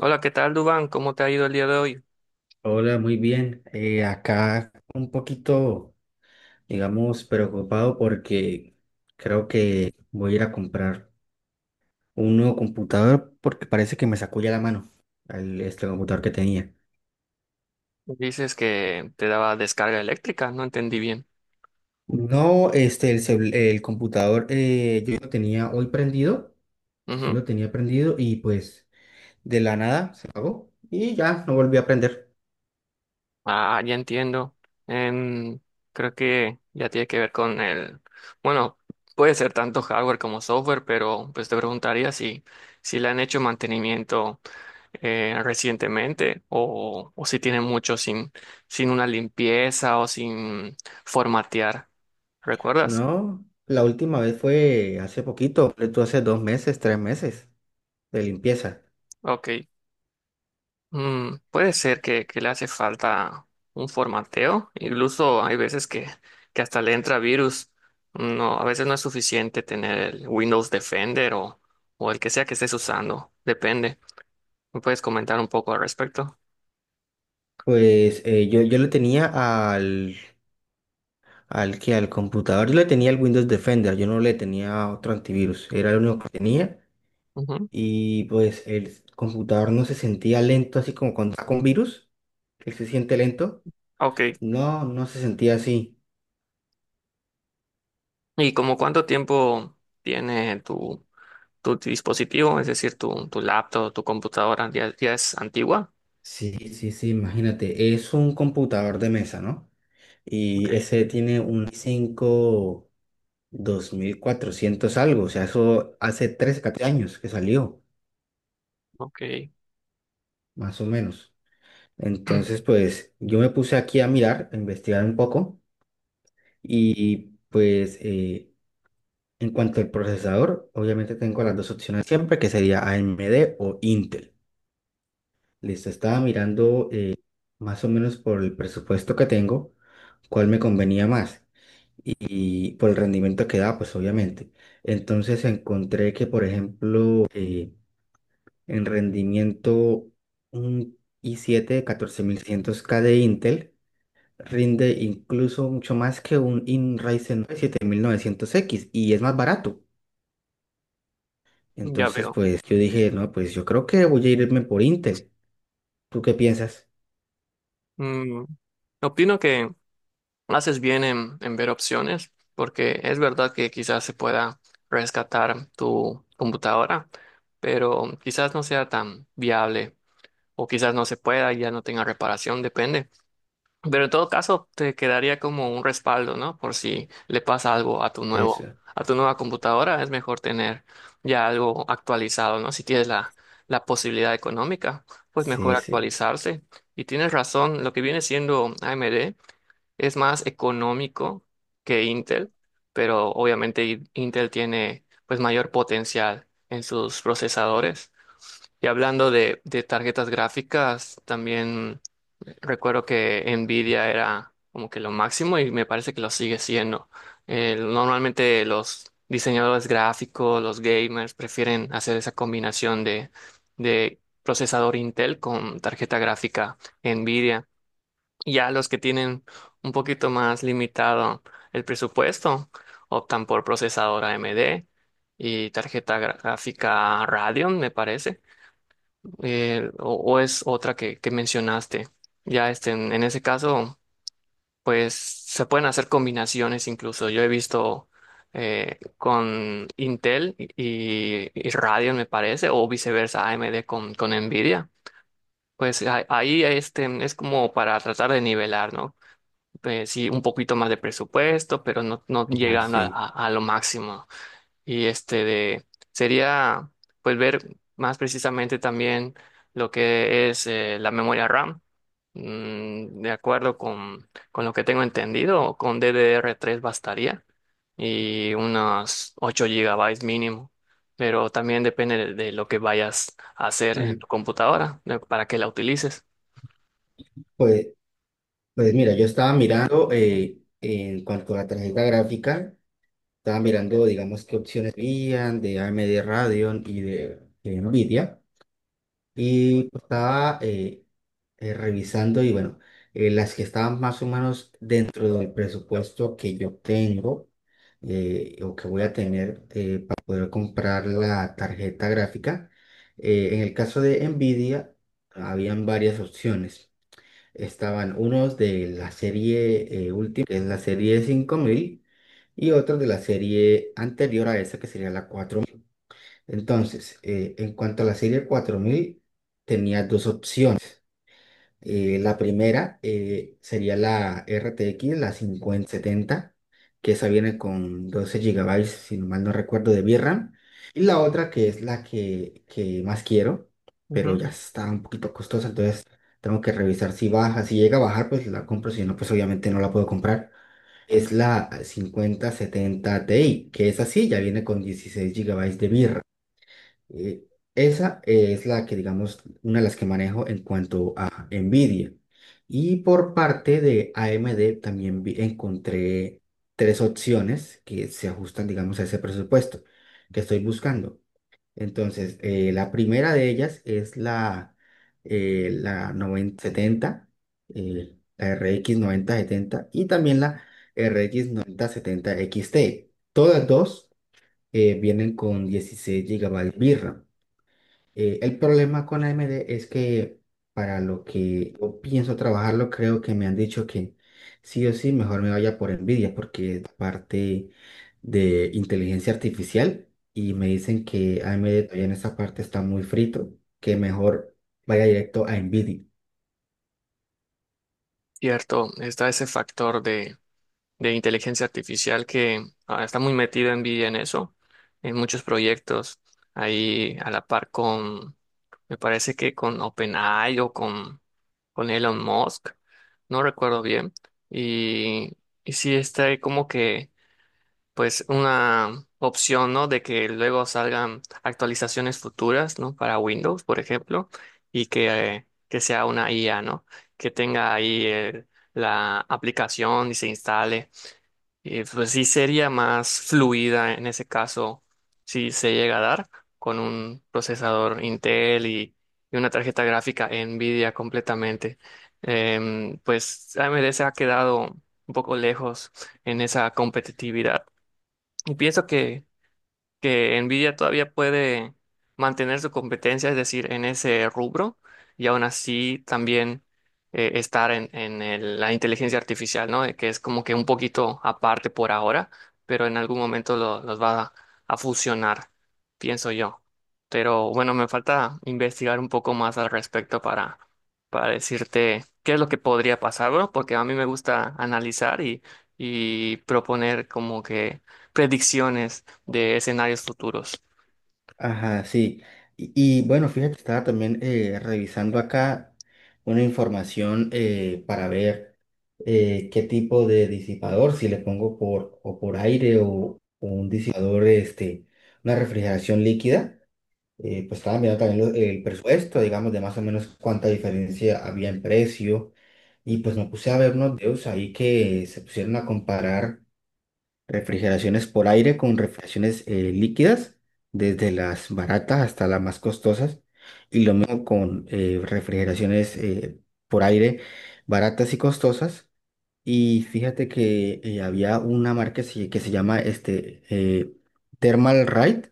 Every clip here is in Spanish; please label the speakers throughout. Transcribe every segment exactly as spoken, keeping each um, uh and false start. Speaker 1: Hola, ¿qué tal, Dubán? ¿Cómo te ha ido el día de hoy?
Speaker 2: Hola, muy bien. Eh, acá un poquito, digamos, preocupado porque creo que voy a ir a comprar un nuevo computador porque parece que me sacó ya la mano el, este computador que tenía.
Speaker 1: Dices que te daba descarga eléctrica, no entendí bien.
Speaker 2: No, este, el, cel- el computador. Eh, yo lo tenía hoy prendido, yo
Speaker 1: Ujú.
Speaker 2: lo tenía prendido y pues de la nada se apagó y ya no volví a prender.
Speaker 1: Ah, ya entiendo. Em, creo que ya tiene que ver con el... Bueno, puede ser tanto hardware como software, pero pues te preguntaría si, si le han hecho mantenimiento eh, recientemente o, o si tiene mucho sin, sin una limpieza o sin formatear. ¿Recuerdas?
Speaker 2: No, la última vez fue hace poquito, fue tú hace dos meses, tres meses de limpieza.
Speaker 1: Ok. Mm, puede ser que, que le hace falta un formateo, incluso hay veces que, que hasta le entra virus. No, a veces no es suficiente tener el Windows Defender o, o el que sea que estés usando, depende. ¿Me puedes comentar un poco al respecto?
Speaker 2: Pues eh, yo, yo le tenía al, al que al computador, yo le tenía el Windows Defender, yo no le tenía otro antivirus, era el único que tenía
Speaker 1: Ujú.
Speaker 2: y pues el computador no se sentía lento así como cuando está con virus, él se siente lento,
Speaker 1: Ok.
Speaker 2: no, no se sentía así.
Speaker 1: ¿Y como cuánto tiempo tiene tu, tu dispositivo, es decir, tu, tu laptop, tu computadora, ya, ya es antigua?
Speaker 2: Sí, sí, sí, imagínate, es un computador de mesa, ¿no?
Speaker 1: Ok,
Speaker 2: Y ese tiene un i cinco dos mil cuatrocientos algo, o sea, eso hace trece, catorce años que salió,
Speaker 1: ok,
Speaker 2: más o menos. Entonces, pues yo me puse aquí a mirar, a investigar un poco y pues eh, en cuanto al procesador, obviamente tengo las dos opciones siempre, que sería A M D o Intel. Listo, estaba mirando eh, más o menos por el presupuesto que tengo, cuál me convenía más y por el rendimiento que da, pues obviamente. Entonces encontré que, por ejemplo, eh, en rendimiento un i siete catorce mil seiscientos K de Intel rinde incluso mucho más que un in Ryzen siete mil novecientos x y es más barato.
Speaker 1: ya
Speaker 2: Entonces,
Speaker 1: veo.
Speaker 2: pues yo dije, no, pues yo creo que voy a irme por Intel. ¿Tú qué piensas?
Speaker 1: Mm, opino que haces bien en, en ver opciones, porque es verdad que quizás se pueda rescatar tu computadora, pero quizás no sea tan viable o quizás no se pueda y ya no tenga reparación, depende. Pero en todo caso, te quedaría como un respaldo, ¿no? Por si le pasa algo a tu nuevo,
Speaker 2: Eso.
Speaker 1: a tu nueva computadora, es mejor tener ya algo actualizado, ¿no? Si tienes la, la posibilidad económica, pues mejor
Speaker 2: Sí, sí.
Speaker 1: actualizarse. Y tienes razón, lo que viene siendo A M D es más económico que Intel, pero obviamente I- Intel tiene pues mayor potencial en sus procesadores. Y hablando de, de tarjetas gráficas, también recuerdo que Nvidia era como que lo máximo y me parece que lo sigue siendo. Eh, normalmente los diseñadores gráficos, los gamers, prefieren hacer esa combinación de, de procesador Intel con tarjeta gráfica Nvidia. Ya los que tienen un poquito más limitado el presupuesto optan por procesador A M D y tarjeta gra- gráfica Radeon, me parece. Eh, o, o es otra que, que mencionaste. Ya este, en, en ese caso, pues se pueden hacer combinaciones incluso. Yo he visto eh, con Intel y, y Radeon, me parece, o viceversa, A M D con, con Nvidia. Pues a- ahí este, es como para tratar de nivelar, ¿no? Pues, sí, un poquito más de presupuesto, pero no, no
Speaker 2: Ah,
Speaker 1: llegan a,
Speaker 2: sí.
Speaker 1: a- a lo máximo. Y este de, sería, pues, ver más precisamente también lo que es eh, la memoria RAM. Mm, de acuerdo con, con lo que tengo entendido, con D D R tres bastaría y unos ocho gigabytes mínimo, pero también depende de, de lo que vayas a hacer en
Speaker 2: Ajá.
Speaker 1: tu computadora, de- para que la utilices.
Speaker 2: Pues, pues mira, yo estaba mirando eh, en cuanto a la tarjeta gráfica, estaba mirando, digamos, qué opciones habían de A M D Radeon y de, de Nvidia. Y pues, estaba eh, eh, revisando y bueno, eh, las que estaban más o menos dentro del presupuesto que yo tengo eh, o que voy a tener eh, para poder comprar la tarjeta gráfica. eh, en el caso de Nvidia, habían varias opciones. Estaban unos de la serie eh, última, que es la serie cinco mil y otros de la serie anterior a esa, que sería la entonces, eh, en cuanto a la serie cuatro mil tenía dos opciones. Eh, la primera eh, sería la R T X, la cincuenta setenta, que esa viene con doce gigabytes, si no mal no recuerdo, de VRAM. Y la otra, que es la que, que más quiero, pero
Speaker 1: Ujú.
Speaker 2: ya está un poquito costosa, entonces tengo que revisar si baja. Si llega a bajar, pues la compro, si no, pues obviamente no la puedo comprar. Es la cincuenta setenta Ti, que es así, ya viene con dieciséis gigabytes de VRAM. Eh, esa es la que, digamos, una de las que manejo en cuanto a Nvidia. Y por parte de A M D también vi- encontré tres opciones que se ajustan, digamos, a ese presupuesto que estoy buscando. Entonces, eh, la primera de ellas es la, eh, la noventa setenta, eh, la R X noventa setenta y también la R X noventa setenta X T. Todas dos eh, vienen con dieciséis gigabytes RAM. Eh, el problema con A M D es que para lo que yo pienso trabajarlo, creo que me han dicho que sí o sí, mejor me vaya por Nvidia porque es parte de inteligencia artificial y me dicen que A M D todavía en esa parte está muy frito, que mejor vaya directo a Nvidia.
Speaker 1: Cierto, está ese factor de, de inteligencia artificial que ah, está muy metida envidia en eso, en muchos proyectos, ahí a la par con, me parece que con OpenAI o con, con Elon Musk, no recuerdo bien, y, y sí está ahí como que, pues una opción, ¿no? De que luego salgan actualizaciones futuras, ¿no? Para Windows, por ejemplo, y que, eh, que sea una I A, ¿no? Que tenga ahí el- la aplicación y se instale eh, pues sí sería más fluida en ese caso, si se llega a dar, con un procesador Intel y, y una tarjeta gráfica Nvidia completamente. Em, pues A M D se ha quedado un poco lejos en esa competitividad. Y pienso que que Nvidia todavía puede mantener su competencia, es decir, en ese rubro, y aún así también eh, estar en, en el- la inteligencia artificial, ¿no? De que es como que un poquito aparte por ahora, pero en algún momento lo- los va a, a fusionar, pienso yo. Pero bueno, me falta investigar un poco más al respecto para, para decirte qué es lo que podría pasar, ¿no? Porque a mí me gusta analizar y, y proponer como que predicciones de escenarios futuros.
Speaker 2: Ajá, sí. Y, y, bueno, fíjate, estaba también eh, revisando acá una información eh, para ver eh, qué tipo de disipador, si le pongo por o por aire o, o un disipador, este, una refrigeración líquida. Eh, pues estaba mirando también lo- el presupuesto, digamos, de más o menos cuánta diferencia había en precio. Y pues me puse a ver unos videos ahí que se pusieron a comparar refrigeraciones por aire con refrigeraciones eh, líquidas, desde las baratas hasta las más costosas. Y lo mismo con eh, refrigeraciones eh, por aire baratas y costosas. Y fíjate que eh, había una marca que se, que se llama este, eh, Thermal Right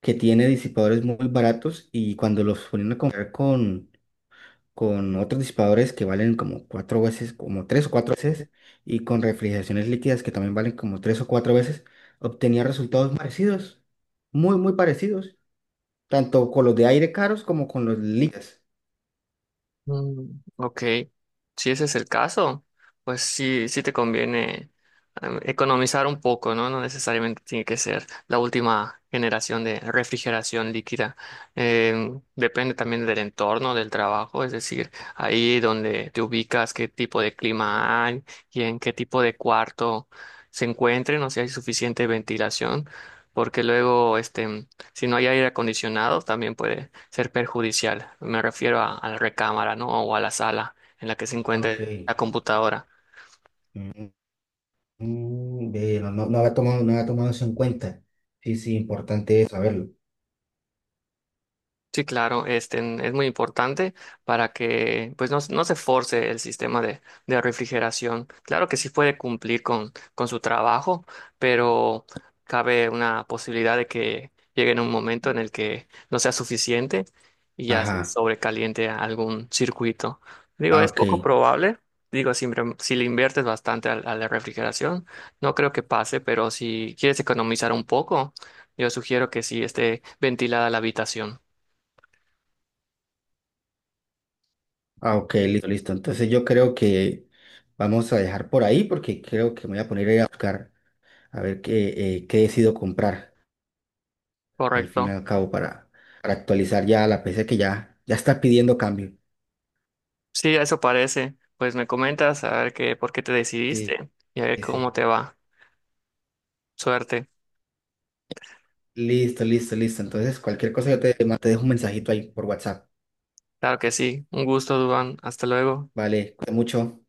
Speaker 2: que tiene disipadores muy baratos y cuando los ponían a comprar con con otros disipadores que valen como cuatro veces, como tres o cuatro veces, y con refrigeraciones líquidas que también valen como tres o cuatro veces, obtenía resultados parecidos, muy, muy parecidos, tanto con los de aire caros como con los líquidos.
Speaker 1: Mm, ok, si ese es el caso, pues sí, sí te conviene em, economizar un poco, ¿no? No necesariamente tiene que ser la última generación de refrigeración líquida. Em, depende también del entorno, del trabajo, es decir, ahí donde te ubicas, qué tipo de clima hay y en qué tipo de cuarto se encuentren, o si hay suficiente ventilación, porque luego, este si no hay aire acondicionado, también puede ser perjudicial. Me refiero a, a la recámara, ¿no? O a la sala en la que se
Speaker 2: Ok.
Speaker 1: encuentre la computadora.
Speaker 2: Mm, mm, ve, no, no, no había tomado, no había tomado eso en cuenta. Sí, sí, importante es saberlo.
Speaker 1: Sí, claro, este n- es muy importante para que pues no, s- no se force el sistema de, de refrigeración. Claro que sí puede cumplir con, con su trabajo, pero cabe una posibilidad de que llegue en un momento en el que no sea suficiente y ya se
Speaker 2: Ajá,
Speaker 1: sobrecaliente a algún circuito. Digo,
Speaker 2: ah,
Speaker 1: es
Speaker 2: ok,
Speaker 1: poco probable. Digo, si, re- si le inviertes bastante a, a la refrigeración, no creo que pase, pero si quieres economizar un poco, yo sugiero que sí esté ventilada la habitación.
Speaker 2: ah, ok, listo, listo. Entonces yo creo que vamos a dejar por ahí porque creo que me voy a poner a ir a buscar a ver qué, eh, qué decido comprar. Al fin y
Speaker 1: Correcto.
Speaker 2: al cabo, para, para actualizar ya la P C que ya, ya está pidiendo cambio.
Speaker 1: Sí, eso parece. Pues me comentas a ver qué, por qué te
Speaker 2: Sí,
Speaker 1: decidiste y a ver
Speaker 2: sí.
Speaker 1: cómo
Speaker 2: sí.
Speaker 1: te va. Suerte.
Speaker 2: Listo, listo, listo. Entonces, cualquier cosa yo te, te dejo un mensajito ahí por WhatsApp.
Speaker 1: Claro que sí. Un gusto, Duván. Hasta luego.
Speaker 2: Vale, cuídate mucho.